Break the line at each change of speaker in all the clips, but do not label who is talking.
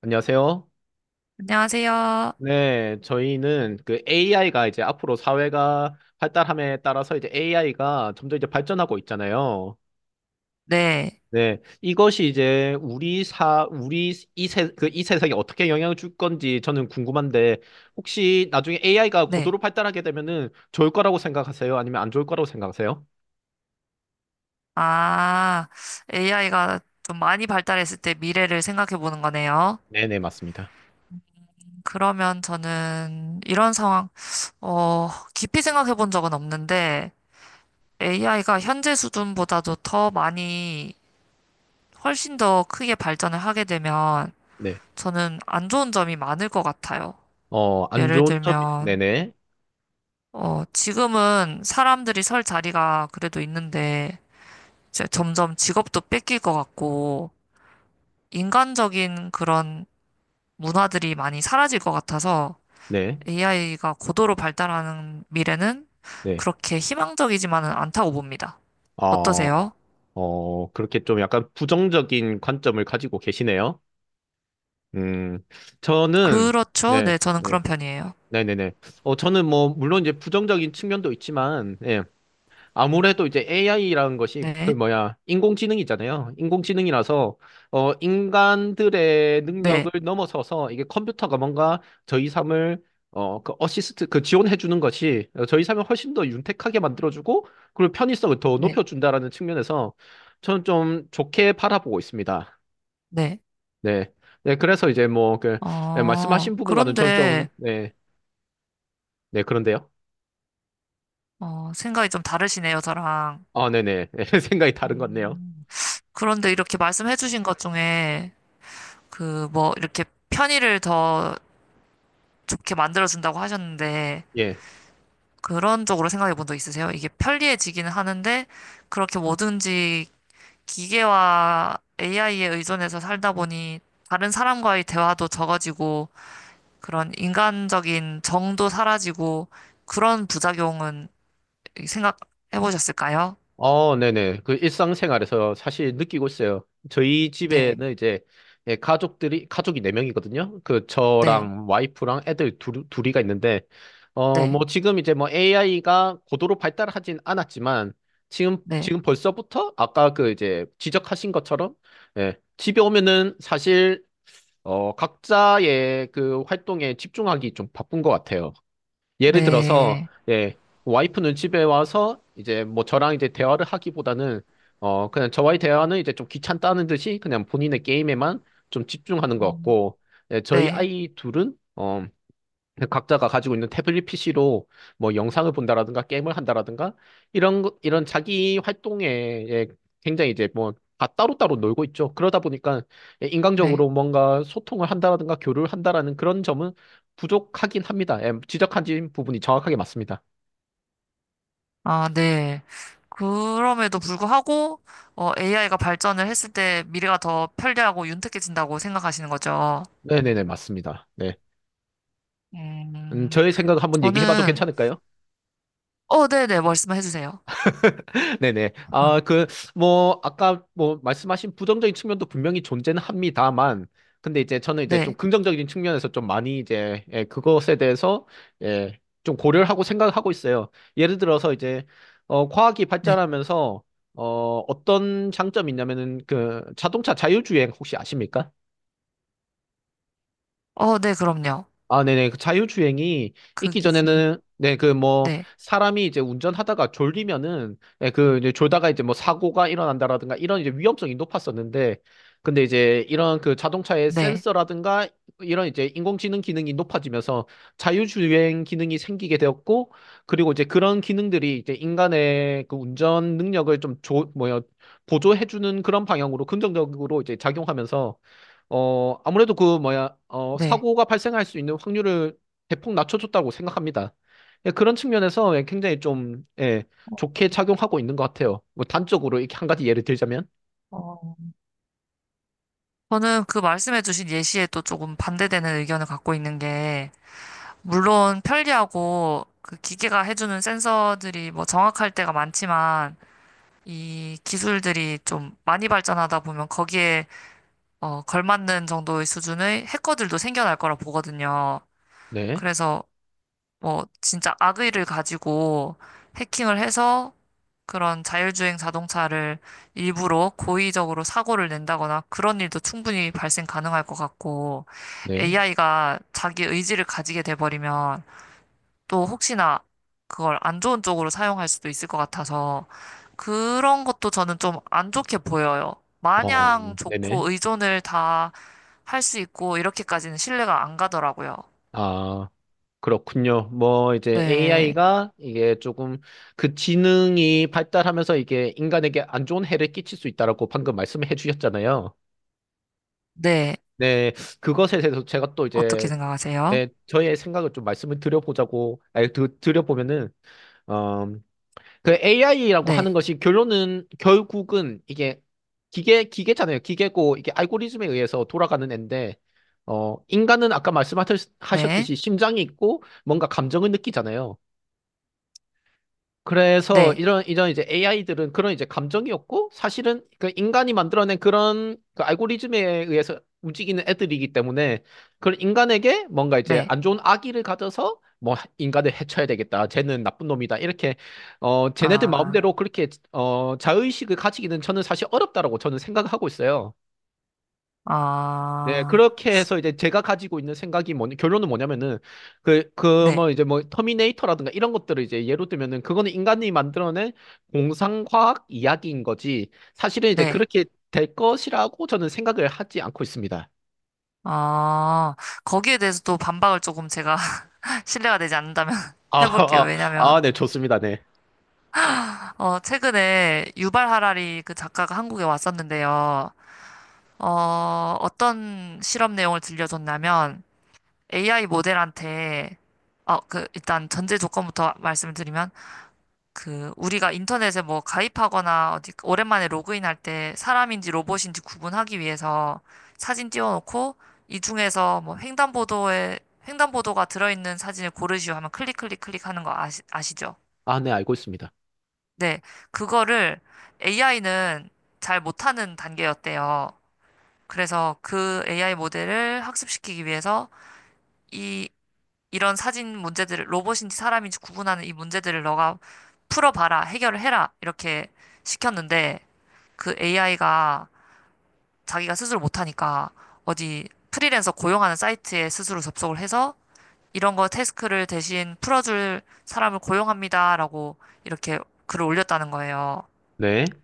안녕하세요.
안녕하세요.
네, 저희는 그 AI가 이제 앞으로 사회가 발달함에 따라서 이제 AI가 점점 이제 발전하고 있잖아요.
네,
네, 이것이 이제 우리 사, 우리 이 세, 그 이 세상에 어떻게 영향을 줄 건지 저는 궁금한데, 혹시 나중에 AI가
네.
고도로 발달하게 되면은 좋을 거라고 생각하세요? 아니면 안 좋을 거라고 생각하세요?
아, AI가 좀 많이 발달했을 때 미래를 생각해 보는 거네요.
네네, 맞습니다.
그러면 저는 이런 상황, 어, 깊이 생각해 본 적은 없는데 AI가 현재 수준보다도 더 많이 훨씬 더 크게 발전을 하게 되면
네.
저는 안 좋은 점이 많을 것 같아요.
어, 안
예를
좋은 점이,
들면,
네네,
지금은 사람들이 설 자리가 그래도 있는데 이제 점점 직업도 뺏길 것 같고 인간적인 그런 문화들이 많이 사라질 것 같아서
네,
AI가 고도로 발달하는 미래는
네.
그렇게 희망적이지만은 않다고 봅니다.
어,
어떠세요?
그렇게 좀 약간 부정적인 관점을 가지고 계시네요. 음, 저는,
그렇죠.
네,
네, 저는
네,
그런 편이에요.
네네네. 저는 뭐, 물론 이제 부정적인 측면도 있지만, 예, 아무래도 이제 AI라는 것이, 그
네,
뭐야, 인공지능이잖아요. 인공지능이라서, 인간들의
네,
능력을 넘어서서 이게 컴퓨터가 뭔가 저희 삶을, 그 지원해주는 것이 저희 삶을 훨씬 더 윤택하게 만들어주고, 그리고 편의성을 더
네,
높여준다라는 측면에서 저는 좀 좋게 바라보고 있습니다.
네.
네. 네, 그래서 이제 뭐, 그, 네,
어,
말씀하신 부분과는 전 좀,
그런데,
네, 네, 그런데요.
생각이 좀 다르시네요, 저랑.
아, 네네. 생각이 다른 것 같네요.
음, 그런데 이렇게 말씀해 주신 것 중에, 그, 뭐, 이렇게 편의를 더 좋게 만들어준다고 하셨는데,
예.
그런 쪽으로 생각해 본 적 있으세요? 이게 편리해지기는 하는데, 그렇게 뭐든지 기계와 AI에 의존해서 살다 보니, 다른 사람과의 대화도 적어지고, 그런 인간적인 정도 사라지고, 그런 부작용은 생각해 보셨을까요?
어, 네네. 그 일상생활에서 사실 느끼고 있어요. 저희
네,
집에는 이제, 예, 가족이 네명이거든요그
네,
저랑 와이프랑 애들 둘이가 있는데, 어,
네,
뭐 지금 이제 뭐 AI가 고도로 발달하진 않았지만,
네,
지금 벌써부터 아까 그 이제 지적하신 것처럼, 예, 집에 오면은 사실 각자의 그 활동에 집중하기 좀 바쁜 것 같아요. 예를 들어서,
네,
예, 와이프는 집에 와서 이제 뭐 저랑 이제 대화를 하기보다는, 그냥 저와의 대화는 이제 좀 귀찮다는 듯이 그냥 본인의 게임에만 좀 집중하는 것
음,
같고, 예, 저희
네,
아이 둘은, 그 각자가 가지고 있는 태블릿 PC로 뭐 영상을 본다라든가 게임을 한다라든가 이런 자기 활동에, 예, 굉장히 이제 뭐 다 따로따로 놀고 있죠. 그러다 보니까, 예,
네.
인간적으로 뭔가 소통을 한다라든가 교류를 한다라는 그런 점은 부족하긴 합니다. 예, 지적하신 부분이 정확하게 맞습니다.
아, 네. 그럼에도 불구하고, AI가 발전을 했을 때 미래가 더 편리하고 윤택해진다고 생각하시는 거죠.
네네네, 맞습니다. 네.
음,
저의 생각을 한번 얘기해봐도
저는,
괜찮을까요?
어, 네네, 말씀해 주세요.
네네. 아, 그, 뭐, 아까 뭐, 말씀하신 부정적인 측면도 분명히 존재는 합니다만, 근데 이제 저는 이제 좀
네,
긍정적인 측면에서 좀 많이 이제, 예, 그것에 대해서, 예, 좀 고려를 하고 생각을 하고 있어요. 예를 들어서 이제, 과학이
네.
발전하면서, 어떤 장점이 있냐면은, 그, 자동차 자율주행 혹시 아십니까?
어, 네, 그럼요.
아, 네네. 그 자율주행이
그
있기
기술.
전에는, 네, 그 뭐,
네,
사람이 이제 운전하다가 졸리면은, 네, 그 이제 졸다가 이제 뭐 사고가 일어난다라든가 이런 이제 위험성이 높았었는데, 근데 이제 이런 그 자동차의
네,
센서라든가 이런 이제 인공지능 기능이 높아지면서 자율주행 기능이 생기게 되었고, 그리고 이제 그런 기능들이 이제 인간의 그 운전 능력을 보조해주는 그런 방향으로 긍정적으로 이제 작용하면서, 아무래도 그 뭐야,
네.
사고가 발생할 수 있는 확률을 대폭 낮춰줬다고 생각합니다. 예, 그런 측면에서, 예, 굉장히 좀, 예, 좋게 작용하고 있는 것 같아요. 뭐 단적으로 이렇게 한 가지 예를 들자면,
어, 저는 그 말씀해주신 예시에 또 조금 반대되는 의견을 갖고 있는 게, 물론 편리하고 그 기계가 해주는 센서들이 뭐 정확할 때가 많지만, 이 기술들이 좀 많이 발전하다 보면 거기에 걸맞는 정도의 수준의 해커들도 생겨날 거라 보거든요.
네,
그래서 뭐 진짜 악의를 가지고 해킹을 해서 그런 자율주행 자동차를 일부러 고의적으로 사고를 낸다거나 그런 일도 충분히 발생 가능할 것 같고
네,
AI가 자기 의지를 가지게 돼버리면 또 혹시나 그걸 안 좋은 쪽으로 사용할 수도 있을 것 같아서 그런 것도 저는 좀 안 좋게 보여요.
어,
마냥
네네.
좋고 의존을 다 할 수 있고 이렇게까지는 신뢰가 안 가더라고요.
아, 그렇군요. 뭐 이제
네,
AI가 이게 조금 그 지능이 발달하면서 이게 인간에게 안 좋은 해를 끼칠 수 있다라고 방금 말씀해 주셨잖아요.
네.
네, 그것에 대해서 제가 또
어떻게
이제,
생각하세요?
네, 저의 생각을 좀 말씀을 드려보자고, 아니, 드, 드려보면은, 어, 그 AI라고
네,
하는 것이 결론은, 결국은 이게 기계잖아요. 기계고, 이게 알고리즘에 의해서 돌아가는 앤데, 인간은 아까
네,
말씀하셨듯이 심장이 있고, 뭔가 감정을 느끼잖아요. 그래서
네,
이런 이제 AI들은 그런 이제 감정이었고, 사실은 그 인간이 만들어낸 그런 그 알고리즘에 의해서 움직이는 애들이기 때문에 그런 인간에게 뭔가 이제
네.
안 좋은 악의를 가져서 뭐 인간을 해쳐야 되겠다, 쟤는 나쁜 놈이다, 이렇게 쟤네들
아,
마음대로 그렇게 자의식을 가지기는 저는 사실 어렵다라고 저는 생각하고 있어요. 네,
아,
그렇게 해서 이제 제가 가지고 있는 생각이 뭐냐, 결론은 뭐냐면은, 뭐,
네,
이제 뭐, 터미네이터라든가 이런 것들을 이제 예로 들면은, 그거는 인간이 만들어낸 공상과학 이야기인 거지, 사실은 이제
네.
그렇게 될 것이라고 저는 생각을 하지 않고 있습니다.
아, 거기에 대해서 또 반박을 조금 제가 신뢰가 되지 않는다면
아,
해볼게요.
아,
왜냐면
아, 네, 좋습니다. 네.
최근에 유발 하라리 그 작가가 한국에 왔었는데요. 어, 어떤 실험 내용을 들려줬냐면 AI 모델한테 그 일단 전제 조건부터 말씀을 드리면 그 우리가 인터넷에 뭐 가입하거나 어디 오랜만에 로그인할 때 사람인지 로봇인지 구분하기 위해서 사진 띄워놓고 이 중에서 뭐 횡단보도에 횡단보도가 들어있는 사진을 고르시오 하면 클릭 클릭 클릭 하는 거 아시죠?
아, 네, 알고 있습니다.
네, 그거를 AI는 잘 못하는 단계였대요. 그래서 그 AI 모델을 학습시키기 위해서 이, 이런 사진 문제들을 로봇인지 사람인지 구분하는 이 문제들을 너가 풀어봐라, 해결을 해라, 이렇게 시켰는데 그 AI가 자기가 스스로 못하니까 어디 프리랜서 고용하는 사이트에 스스로 접속을 해서 이런 거 태스크를 대신 풀어줄 사람을 고용합니다라고 이렇게 글을 올렸다는 거예요.
네,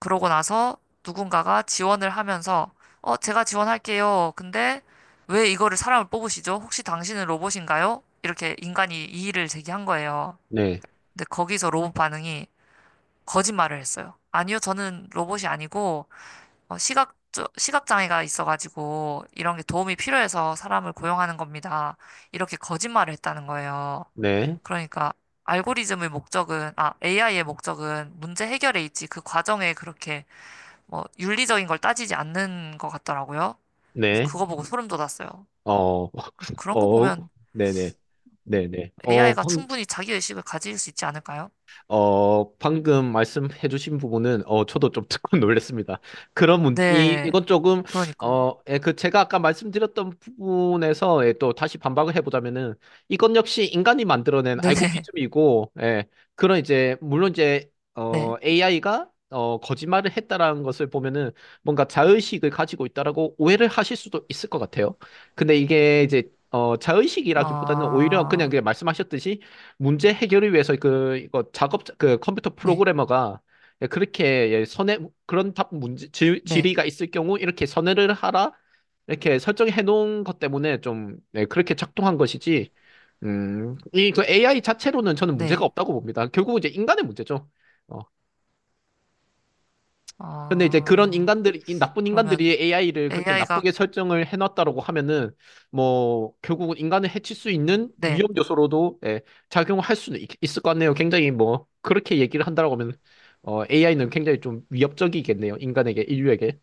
그러고 나서 누군가가 지원을 하면서, 어, 제가 지원할게요. 근데 왜 이거를 사람을 뽑으시죠? 혹시 당신은 로봇인가요? 이렇게 인간이 이의를 제기한 거예요.
네,
근데 거기서 로봇 반응이 거짓말을 했어요. 아니요, 저는 로봇이 아니고, 어, 시각장애가 있어가지고, 이런 게 도움이 필요해서 사람을 고용하는 겁니다. 이렇게 거짓말을 했다는 거예요.
네,
그러니까, 알고리즘의 목적은, 아, AI의 목적은 문제 해결에 있지, 그 과정에 그렇게 뭐 윤리적인 걸 따지지 않는 것 같더라고요. 그래서
네,
그거 보고 소름 돋았어요.
어,
그런 거
어,
보면
네네, 네네.
AI가 충분히 자기 의식을 가질 수 있지 않을까요?
방금 말씀해주신 부분은, 저도 좀 듣고 놀랐습니다.
네,
이건 조금,
그러니까요.
예, 그, 제가 아까 말씀드렸던 부분에서, 예, 또 다시 반박을 해보자면은, 이건 역시 인간이 만들어낸
네네, 네.
알고리즘이고, 예, 그런 이제, 물론 이제,
네.
AI가, 거짓말을 했다라는 것을 보면은, 뭔가 자의식을 가지고 있다라고 오해를 하실 수도 있을 것 같아요. 근데 이게 이제, 자의식이라기보다는 오히려
아,
그냥 말씀하셨듯이, 문제 해결을 위해서 그 이거 작업 그 컴퓨터
네,
프로그래머가 그렇게, 예, 선에 그런 답 문제
네,
질의가 있을 경우 이렇게 선회를 하라, 이렇게 설정해 놓은 것 때문에 좀, 네, 그렇게 작동한 것이지, 이 그 AI 자체로는 저는 문제가
네.
없다고 봅니다. 결국은 이제 인간의 문제죠. 어, 근데 이제 그런
아,
인간들이, 이 나쁜
그러면
인간들이 AI를 그렇게
AI가,
나쁘게 설정을 해놨다라고 하면은, 뭐, 결국은 인간을 해칠 수 있는
네,
위험 요소로도, 예, 작용할 수는 있을 것 같네요. 굉장히 뭐, 그렇게 얘기를 한다라고 하면, AI는 굉장히 좀 위협적이겠네요. 인간에게, 인류에게.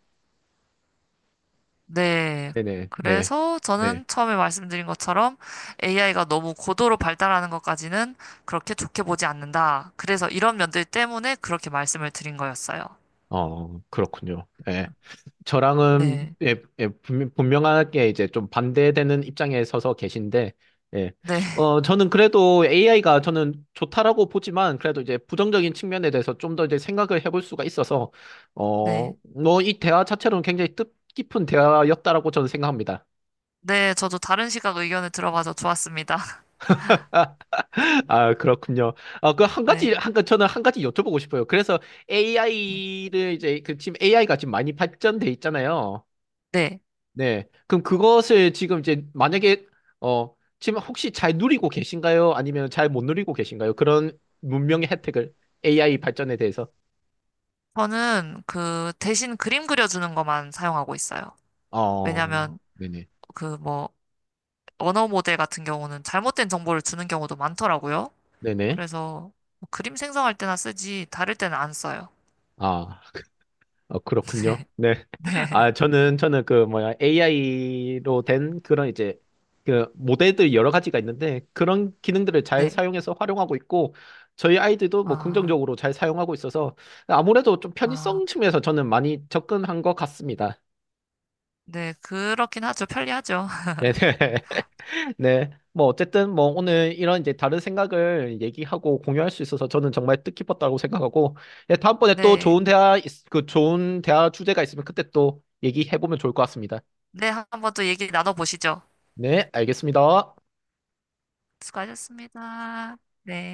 네.
네네, 네.
그래서
네.
저는 처음에 말씀드린 것처럼 AI가 너무 고도로 발달하는 것까지는 그렇게 좋게 보지 않는다. 그래서 이런 면들 때문에 그렇게 말씀을 드린 거였어요.
어, 그렇군요. 예. 저랑은,
네.
예, 예, 분명하게 이제 좀 반대되는 입장에 서서 계신데, 예.
네,
저는 그래도 AI가 저는 좋다라고 보지만, 그래도 이제 부정적인 측면에 대해서 좀 더 이제 생각을 해볼 수가 있어서,
네.
뭐, 이 대화 자체로는 굉장히 뜻깊은 대화였다라고 저는 생각합니다.
네, 저도 다른 시각 의견을 들어봐서 좋았습니다.
아, 그렇군요. 아, 그 한 가지,
네.
한, 가- 저는 한 가지 여쭤보고 싶어요. 그래서
네.
AI를 이제, 그 지금 AI가 지금 많이 발전돼 있잖아요.
네.
네. 그럼 그것을 지금 이제 만약에 어 지금 혹시 잘 누리고 계신가요? 아니면 잘 못 누리고 계신가요? 그런 문명의 혜택을, AI 발전에 대해서.
저는 그 대신 그림 그려주는 것만 사용하고 있어요.
어,
왜냐면
네네.
그 뭐 언어 모델 같은 경우는 잘못된 정보를 주는 경우도 많더라고요.
네네.
그래서 뭐 그림 생성할 때나 쓰지 다를 때는 안 써요.
아, 그- 그렇군요. 네. 아,
네.
저는 그 뭐야 AI로 된 그런 이제 그 모델들 여러 가지가 있는데 그런 기능들을 잘
네.
사용해서 활용하고 있고, 저희 아이들도 뭐
아,
긍정적으로 잘 사용하고 있어서 아무래도 좀
아,
편의성 측면에서 저는 많이 접근한 것 같습니다.
네. 그렇긴 하죠. 편리하죠.
네네. 네. 뭐, 어쨌든, 뭐, 오늘 이런 이제 다른 생각을 얘기하고 공유할 수 있어서 저는 정말 뜻깊었다고 생각하고, 예, 다음번에 또
네.
그 좋은 대화 주제가 있으면 그때 또 얘기해보면 좋을 것 같습니다.
네. 한번 또 얘기 나눠보시죠.
네, 알겠습니다.
수고하셨습니다. 네.